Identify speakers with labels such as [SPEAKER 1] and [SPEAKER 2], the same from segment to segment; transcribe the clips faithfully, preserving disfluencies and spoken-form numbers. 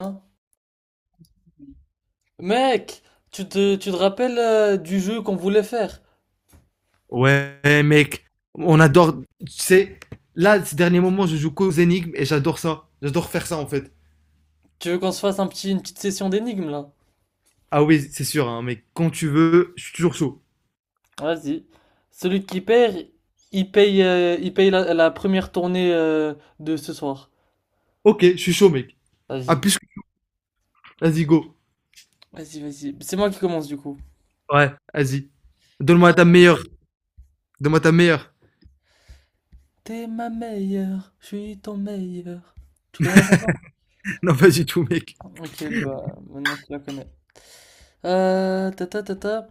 [SPEAKER 1] Hein, mec, tu te, tu te rappelles euh, du jeu qu'on voulait faire?
[SPEAKER 2] Ouais, mec, on adore. Tu sais, là, ces derniers moments, je joue qu'aux énigmes et j'adore ça. J'adore faire ça en fait.
[SPEAKER 1] Tu veux qu'on se fasse un petit, une petite session d'énigmes là?
[SPEAKER 2] Ah oui, c'est sûr, hein, mec. Quand tu veux, je suis toujours chaud.
[SPEAKER 1] Vas-y. Celui qui perd, il paye, euh, il paye la, la première tournée euh, de ce soir.
[SPEAKER 2] Ok, je suis chaud, mec. Ah,
[SPEAKER 1] Vas-y.
[SPEAKER 2] puisque. Vas-y, go.
[SPEAKER 1] Vas-y, vas-y. C'est moi qui commence du coup.
[SPEAKER 2] Ouais, vas-y. Donne-moi ta meilleure. Donne-moi ta meilleure.
[SPEAKER 1] T'es ma meilleure, je suis ton meilleur. Tu connais la chanson?
[SPEAKER 2] Non, pas du tout, mec.
[SPEAKER 1] Ok, bah maintenant tu la connais. Euh, ta ta ta ta.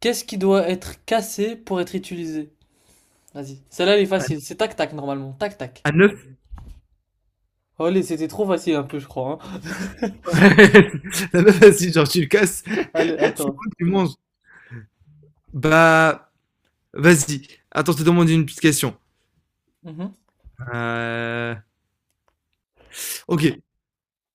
[SPEAKER 1] Qu'est-ce qui doit être cassé pour être utilisé? Vas-y. Celle-là elle est
[SPEAKER 2] À,
[SPEAKER 1] facile. C'est tac tac normalement. Tac tac.
[SPEAKER 2] à neuf.
[SPEAKER 1] Allez, c'était trop facile un peu, je crois, hein.
[SPEAKER 2] La meuf, vas-y, genre, tu le casses. C'est
[SPEAKER 1] Allez, attends.
[SPEAKER 2] bon, tu manges. Bah, vas-y. Attends, je te demande une petite question.
[SPEAKER 1] Mhm.
[SPEAKER 2] Euh... Ok.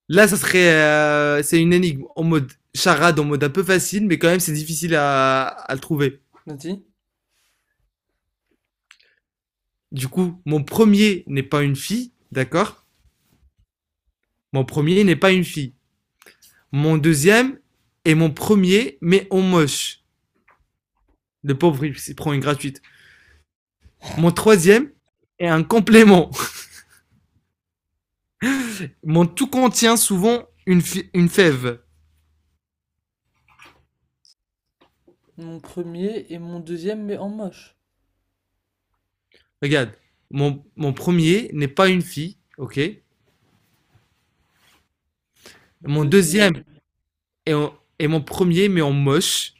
[SPEAKER 2] Là, ça serait, euh, c'est une énigme en mode charade, en mode un peu facile, mais quand même, c'est difficile à, à le trouver.
[SPEAKER 1] Vas-y.
[SPEAKER 2] Du coup, mon premier n'est pas une fille, d'accord. Mon premier n'est pas une fille. Mon deuxième est mon premier, mais en moche. Le pauvre, il s'y prend une gratuite. Mon troisième est un complément. Mon tout contient souvent une, une fève.
[SPEAKER 1] Mon premier et mon deuxième, mais en moche.
[SPEAKER 2] Regarde, mon, mon premier n'est pas une fille, ok.
[SPEAKER 1] Mon
[SPEAKER 2] Mon deuxième
[SPEAKER 1] deuxième.
[SPEAKER 2] est, en- est mon premier, mais en moche.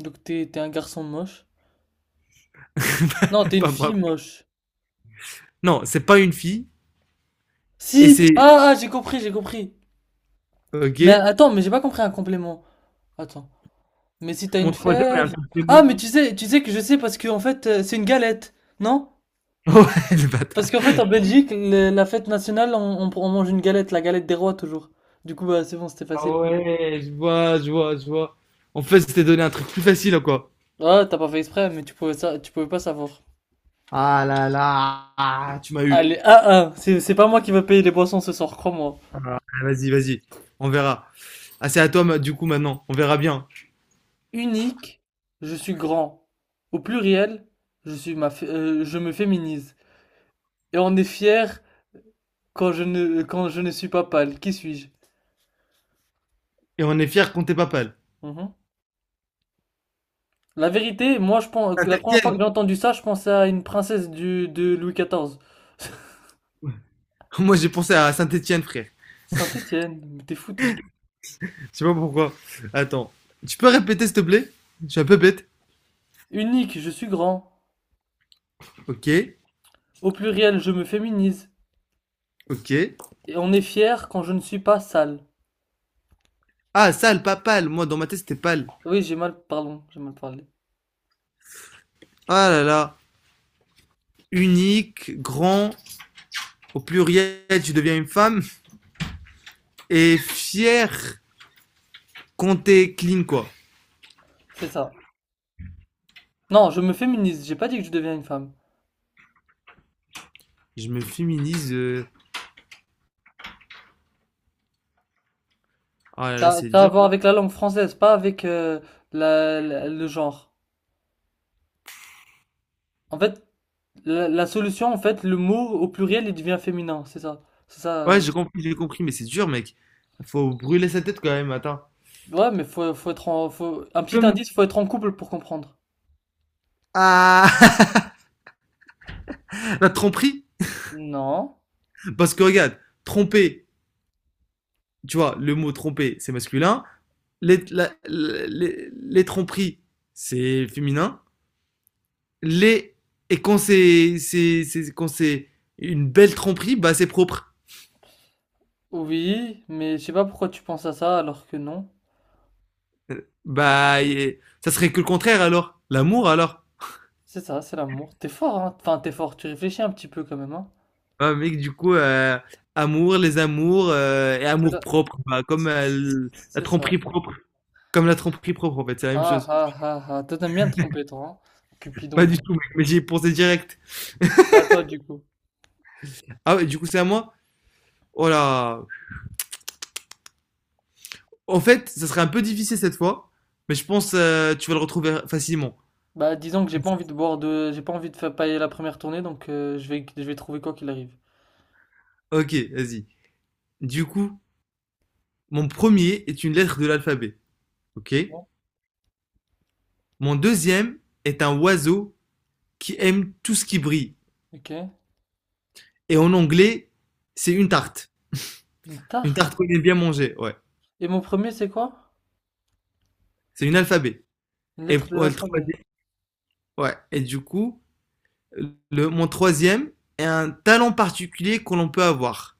[SPEAKER 1] Donc t'es t'es un garçon moche. Non, t'es une
[SPEAKER 2] Pas moi.
[SPEAKER 1] fille moche.
[SPEAKER 2] Non, c'est pas une fille et
[SPEAKER 1] Si!
[SPEAKER 2] c'est
[SPEAKER 1] Ah, ah, j'ai compris, j'ai compris. Mais
[SPEAKER 2] ok.
[SPEAKER 1] attends, mais j'ai pas compris un complément. Attends. Mais si t'as
[SPEAKER 2] Mon
[SPEAKER 1] une
[SPEAKER 2] troisième est un
[SPEAKER 1] fève.
[SPEAKER 2] truc
[SPEAKER 1] Ah,
[SPEAKER 2] démon.
[SPEAKER 1] mais tu sais, tu sais que je sais parce que en fait, euh, c'est une galette, non?
[SPEAKER 2] Ouais, le
[SPEAKER 1] Parce
[SPEAKER 2] bâtard.
[SPEAKER 1] qu'en fait, en Belgique, le- la fête nationale, on, on- on mange une galette, la galette des rois toujours. Du coup, bah, c'est bon, c'était
[SPEAKER 2] Ah
[SPEAKER 1] facile.
[SPEAKER 2] ouais, je vois, je vois, je vois. En fait, c'était donné un truc plus facile, quoi.
[SPEAKER 1] Ah, t'as pas fait exprès, mais tu pouvais ça, tu pouvais pas savoir.
[SPEAKER 2] Ah là là, ah, tu m'as eu.
[SPEAKER 1] Allez, 1 un. C'est, c'est pas moi qui va payer les boissons ce soir, crois-moi.
[SPEAKER 2] Ah, vas-y, vas-y, on verra. Ah, c'est à toi, ma- du coup, maintenant. On verra bien.
[SPEAKER 1] Unique, je suis grand. Au pluriel, je suis ma, fé- euh, je me féminise. Et on est fier quand je ne, quand je ne suis pas pâle. Qui suis-je?
[SPEAKER 2] Et on est fiers qu'on t'ait pas pâle.
[SPEAKER 1] Mhm. La vérité, moi, je pense que la première fois que
[SPEAKER 2] Saint-Étienne.
[SPEAKER 1] j'ai entendu ça, je pensais à une princesse du, de Louis quatorze.
[SPEAKER 2] Moi, j'ai pensé à Saint-Étienne, frère.
[SPEAKER 1] Saint-Étienne, mais t'es fou, toi.
[SPEAKER 2] Je sais pas pourquoi. Attends. Tu peux répéter, s'il te plaît? Je suis un peu bête.
[SPEAKER 1] Unique, je suis grand.
[SPEAKER 2] Ok,
[SPEAKER 1] Au pluriel, je me féminise.
[SPEAKER 2] ok.
[SPEAKER 1] Et on est fier quand je ne suis pas sale.
[SPEAKER 2] Ah, sale, pas pâle. Moi, dans ma tête, c'était pâle.
[SPEAKER 1] Oui, j'ai mal, pardon, j'ai mal parlé.
[SPEAKER 2] Ah là là. Unique, grand, au pluriel, tu deviens une femme, et fier quand t'es clean, quoi.
[SPEAKER 1] C'est ça. Non, je me féminise, j'ai pas dit que je deviens une femme.
[SPEAKER 2] Je me féminise. euh, Oh là là,
[SPEAKER 1] Ça,
[SPEAKER 2] c'est
[SPEAKER 1] ça a à
[SPEAKER 2] dur.
[SPEAKER 1] voir avec la langue française, pas avec euh, la- la- le genre. En fait, la, la solution, en fait, le mot au pluriel, il devient féminin, c'est ça. C'est ça.
[SPEAKER 2] Ouais,
[SPEAKER 1] euh.
[SPEAKER 2] j'ai compris, j'ai compris, mais c'est dur, mec. Faut brûler sa tête quand même, attends.
[SPEAKER 1] Ouais, mais faut, faut être en, faut... Un petit
[SPEAKER 2] Comme.
[SPEAKER 1] indice, faut être en couple pour comprendre.
[SPEAKER 2] Ah. La tromperie.
[SPEAKER 1] Non.
[SPEAKER 2] Parce que regarde, tromper, tu vois, le mot tromper, c'est masculin. Les, la- les, les tromperies, c'est féminin. Les. Et quand c'est. c'est- c'est- quand c'est une belle tromperie, bah c'est propre.
[SPEAKER 1] Oui, mais je sais pas pourquoi tu penses à ça alors que non.
[SPEAKER 2] Euh, Bah, et- ça serait que le contraire alors. L'amour alors.
[SPEAKER 1] C'est ça, c'est l'amour. T'es fort, hein. Enfin, t'es fort, tu réfléchis un petit peu quand même, hein.
[SPEAKER 2] Ah, mec, du coup, euh, amour, les amours euh, et
[SPEAKER 1] C'est
[SPEAKER 2] amour
[SPEAKER 1] là-
[SPEAKER 2] propre. Bah, comme euh,
[SPEAKER 1] c'est-
[SPEAKER 2] l- la
[SPEAKER 1] c'est ça.
[SPEAKER 2] tromperie propre. Comme la tromperie propre, en fait, c'est la même
[SPEAKER 1] Ah
[SPEAKER 2] chose.
[SPEAKER 1] ah ah ah. Toi, t'aimes bien te tromper, toi, hein. Cupidon,
[SPEAKER 2] Pas
[SPEAKER 1] va.
[SPEAKER 2] du tout, mec, mais j'y ai pensé direct.
[SPEAKER 1] C'est à toi, du coup.
[SPEAKER 2] Ah ouais, du coup, c'est à moi? Oh là. En fait, ça serait un peu difficile cette fois, mais je pense euh, tu vas le retrouver facilement.
[SPEAKER 1] Bah, disons que j'ai pas envie de boire de, j'ai pas envie de faire pailler la première tournée, donc euh, je vais, je vais trouver quoi qu'il arrive.
[SPEAKER 2] Ok, vas-y. Du coup, mon premier est une lettre de l'alphabet. Ok?
[SPEAKER 1] Bon.
[SPEAKER 2] Mon deuxième est un oiseau qui aime tout ce qui brille.
[SPEAKER 1] Ok.
[SPEAKER 2] Et en anglais, c'est une tarte.
[SPEAKER 1] Une
[SPEAKER 2] Une tarte
[SPEAKER 1] tarte.
[SPEAKER 2] qu'on aime bien manger, ouais.
[SPEAKER 1] Et mon premier, c'est quoi?
[SPEAKER 2] C'est une alphabet.
[SPEAKER 1] Une
[SPEAKER 2] Et,
[SPEAKER 1] lettre de
[SPEAKER 2] ouais, le
[SPEAKER 1] l'alphabet.
[SPEAKER 2] troisième- ouais. Et du coup, le, mon troisième est un talent particulier que l'on peut avoir.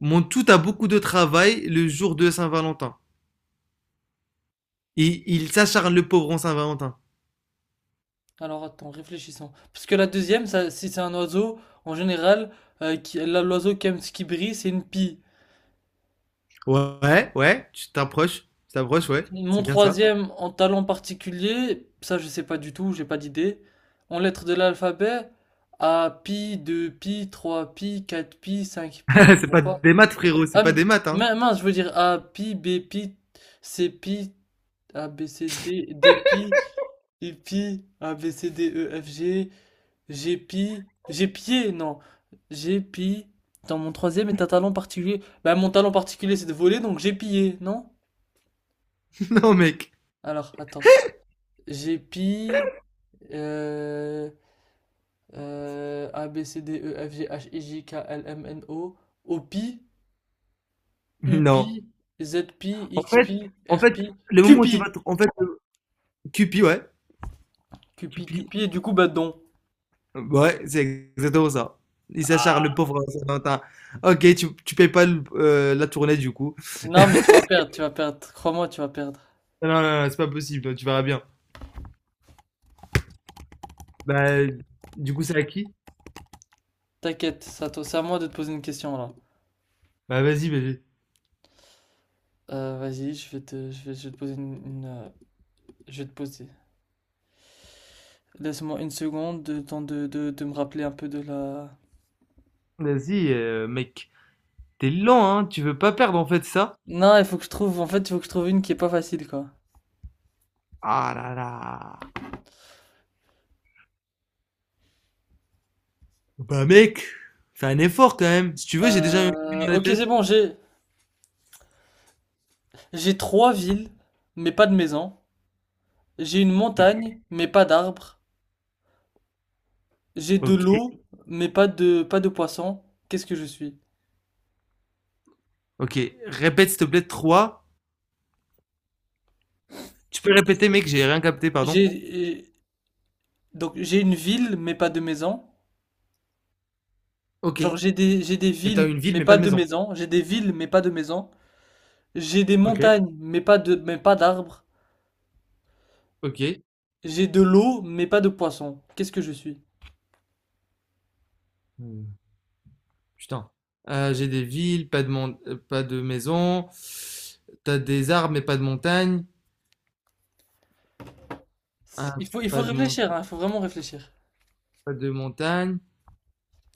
[SPEAKER 2] Mon tout a beaucoup de travail le jour de Saint-Valentin. Et il s'acharne le pauvre en Saint-Valentin.
[SPEAKER 1] Alors attends, réfléchissons. Parce que la deuxième, ça, si c'est un oiseau, en général, euh, qui, là, l'oiseau qui aime ce qui brille, c'est une pie.
[SPEAKER 2] Ouais, ouais, tu t'approches, tu t'approches, ouais.
[SPEAKER 1] Mon
[SPEAKER 2] C'est bien ça.
[SPEAKER 1] troisième, en talent particulier, ça je sais pas du tout, j'ai pas d'idée. En lettres de l'alphabet, A, pi, deux pi, trois pi, quatre pi, cinq pi, je
[SPEAKER 2] C'est
[SPEAKER 1] vois
[SPEAKER 2] pas
[SPEAKER 1] pas.
[SPEAKER 2] des maths, frérot, c'est pas des
[SPEAKER 1] Hum,
[SPEAKER 2] maths, hein.
[SPEAKER 1] min- mince, je veux dire A, pi, B, pi, C, pi, A, B, C, D, D, pi, I, pi, A, B, C, D, E, F, G, G, pi, G, pied, non, G, pi, dans mon troisième est un talent particulier. Bah, mon talent particulier, c'est de voler, donc j'ai pillé, non?
[SPEAKER 2] Non, mec.
[SPEAKER 1] Alors, attends, G, pi, euh, euh, A, B, C, D, E, F, G, H, I, J, K, L, M, N, O, O, pi, U, pi,
[SPEAKER 2] Non.
[SPEAKER 1] Z, pi,
[SPEAKER 2] En
[SPEAKER 1] X,
[SPEAKER 2] fait,
[SPEAKER 1] pi,
[SPEAKER 2] en
[SPEAKER 1] R,
[SPEAKER 2] fait,
[SPEAKER 1] pi,
[SPEAKER 2] le
[SPEAKER 1] Q,
[SPEAKER 2] moment où
[SPEAKER 1] pi.
[SPEAKER 2] tu vas, te- en fait, Cupid, ouais.
[SPEAKER 1] Cupi,
[SPEAKER 2] Cupid,
[SPEAKER 1] Cupi et du coup Badon.
[SPEAKER 2] ouais, c'est exactement ça. Il s'acharne, le
[SPEAKER 1] Ah,
[SPEAKER 2] pauvre euh, Saint-Valentin. OK, tu tu payes pas le heu, la tournée, du coup.
[SPEAKER 1] non mais tu vas perdre, tu vas perdre. Crois-moi, tu vas perdre.
[SPEAKER 2] Non, non, non, c'est pas possible, toi, tu verras bien. Bah, du coup, c'est à qui?
[SPEAKER 1] T'inquiète, ça t- c'est à moi de te poser une question là.
[SPEAKER 2] Bah, vas-y, bébé.
[SPEAKER 1] Euh, vas-y, je vais te, je vais, je vais te poser une, une, euh, je vais te poser. Laisse-moi une seconde, de temps de, de, de me rappeler un peu de la.
[SPEAKER 2] Vas-y, heu, mec, t'es lent, hein, tu veux pas perdre, en fait, ça?
[SPEAKER 1] Non, il faut que je trouve. En fait, il faut que je trouve une qui est pas facile quoi.
[SPEAKER 2] Ah là là. Bah, mec, fais un effort, quand même. Si tu veux, j'ai déjà une
[SPEAKER 1] Euh,
[SPEAKER 2] dans la
[SPEAKER 1] ok,
[SPEAKER 2] tête.
[SPEAKER 1] c'est bon. J'ai, j'ai trois villes, mais pas de maison. J'ai une montagne, mais pas d'arbres. J'ai de
[SPEAKER 2] OK,
[SPEAKER 1] l'eau, mais pas de, pas de poissons. Qu'est-ce que je suis?
[SPEAKER 2] OK. Répète, s'il te plaît, trois. Tu peux répéter, mec, j'ai rien capté, pardon?
[SPEAKER 1] J'ai, Donc j'ai une ville mais pas de maison.
[SPEAKER 2] OK.
[SPEAKER 1] Genre j'ai des
[SPEAKER 2] Et
[SPEAKER 1] j'ai des
[SPEAKER 2] t'as
[SPEAKER 1] villes
[SPEAKER 2] une ville,
[SPEAKER 1] mais
[SPEAKER 2] mais pas
[SPEAKER 1] pas
[SPEAKER 2] de
[SPEAKER 1] de
[SPEAKER 2] maison.
[SPEAKER 1] maison. J'ai des villes mais pas de maison. J'ai des
[SPEAKER 2] OK,
[SPEAKER 1] montagnes mais pas de mais pas d'arbres.
[SPEAKER 2] OK.
[SPEAKER 1] J'ai de l'eau mais pas de poissons. Qu'est-ce que je suis?
[SPEAKER 2] Putain. Euh, j'ai des villes, pas de mon- euh, pas de maison. T'as des arbres, mais pas de montagne.
[SPEAKER 1] Il
[SPEAKER 2] Hein,
[SPEAKER 1] faut il faut
[SPEAKER 2] pas de mon-
[SPEAKER 1] réfléchir, hein, il faut vraiment réfléchir.
[SPEAKER 2] pas de montagne.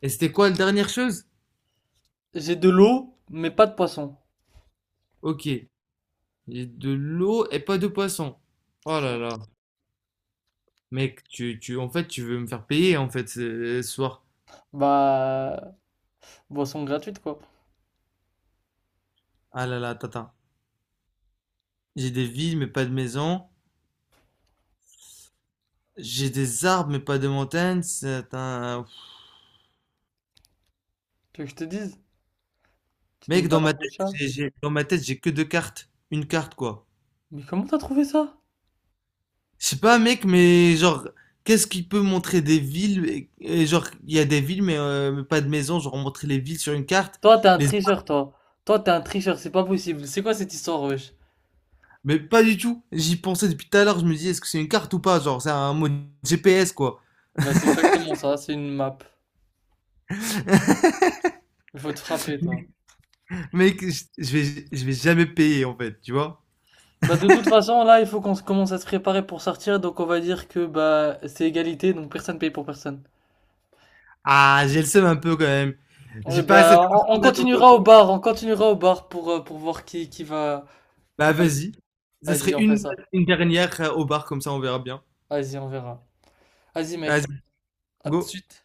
[SPEAKER 2] Et c'était quoi la dernière chose?
[SPEAKER 1] J'ai de l'eau mais pas de poissons.
[SPEAKER 2] Ok. J'ai de l'eau et pas de poisson.
[SPEAKER 1] C'est
[SPEAKER 2] Oh
[SPEAKER 1] ça.
[SPEAKER 2] là là. Mec, tu, tu, en fait, tu veux me faire payer, en fait, ce, ce soir.
[SPEAKER 1] Bah, boisson gratuite quoi.
[SPEAKER 2] Ah là là, tata. J'ai des villes, mais pas de maison. J'ai des arbres, mais pas de montagnes. C'est un...
[SPEAKER 1] Tu veux que je te dise? Tu donnes
[SPEAKER 2] Mec,
[SPEAKER 1] ta
[SPEAKER 2] dans ma
[SPEAKER 1] langue au
[SPEAKER 2] tête,
[SPEAKER 1] chat?
[SPEAKER 2] j'ai, j'ai- dans ma tête, j'ai que deux cartes. Une carte, quoi.
[SPEAKER 1] Mais comment t'as trouvé ça?
[SPEAKER 2] Je sais pas, mec, mais genre, qu'est-ce qui peut montrer des villes et, et genre, il y a des villes, mais, euh, mais pas de maison, genre montrer les villes sur une carte.
[SPEAKER 1] Toi t'es un
[SPEAKER 2] Les...
[SPEAKER 1] tricheur toi. Toi t'es un tricheur, c'est pas possible. C'est quoi cette histoire wesh?
[SPEAKER 2] Mais pas du tout. J'y pensais depuis tout à l'heure. Je me dis, est-ce que c'est une carte ou pas? Genre, c'est un mode G P S, quoi.
[SPEAKER 1] Bah c'est exactement ça, c'est une map. Il faut te frapper, toi.
[SPEAKER 2] Mec, je je vais, je vais jamais payer, en fait, tu vois?
[SPEAKER 1] Bah, de toute façon, là, il faut qu'on se- commence à se préparer pour sortir. Donc, on va dire que bah, c'est égalité, donc personne paye pour personne.
[SPEAKER 2] Ah, j'ai le seum un peu quand même.
[SPEAKER 1] Et
[SPEAKER 2] J'ai pas
[SPEAKER 1] bah,
[SPEAKER 2] assez
[SPEAKER 1] on, on
[SPEAKER 2] d'argent dans mon
[SPEAKER 1] continuera
[SPEAKER 2] compte.
[SPEAKER 1] au bar, on continuera au bar pour, euh, pour voir qui, qui va, qui
[SPEAKER 2] Bah,
[SPEAKER 1] va.
[SPEAKER 2] vas-y. Ça serait
[SPEAKER 1] Vas-y, on fait
[SPEAKER 2] une,
[SPEAKER 1] ça.
[SPEAKER 2] une dernière euh, au bar, comme ça, on verra bien.
[SPEAKER 1] Vas-y, on verra. Vas-y, mec.
[SPEAKER 2] Vas-y,
[SPEAKER 1] À tout de
[SPEAKER 2] go.
[SPEAKER 1] suite.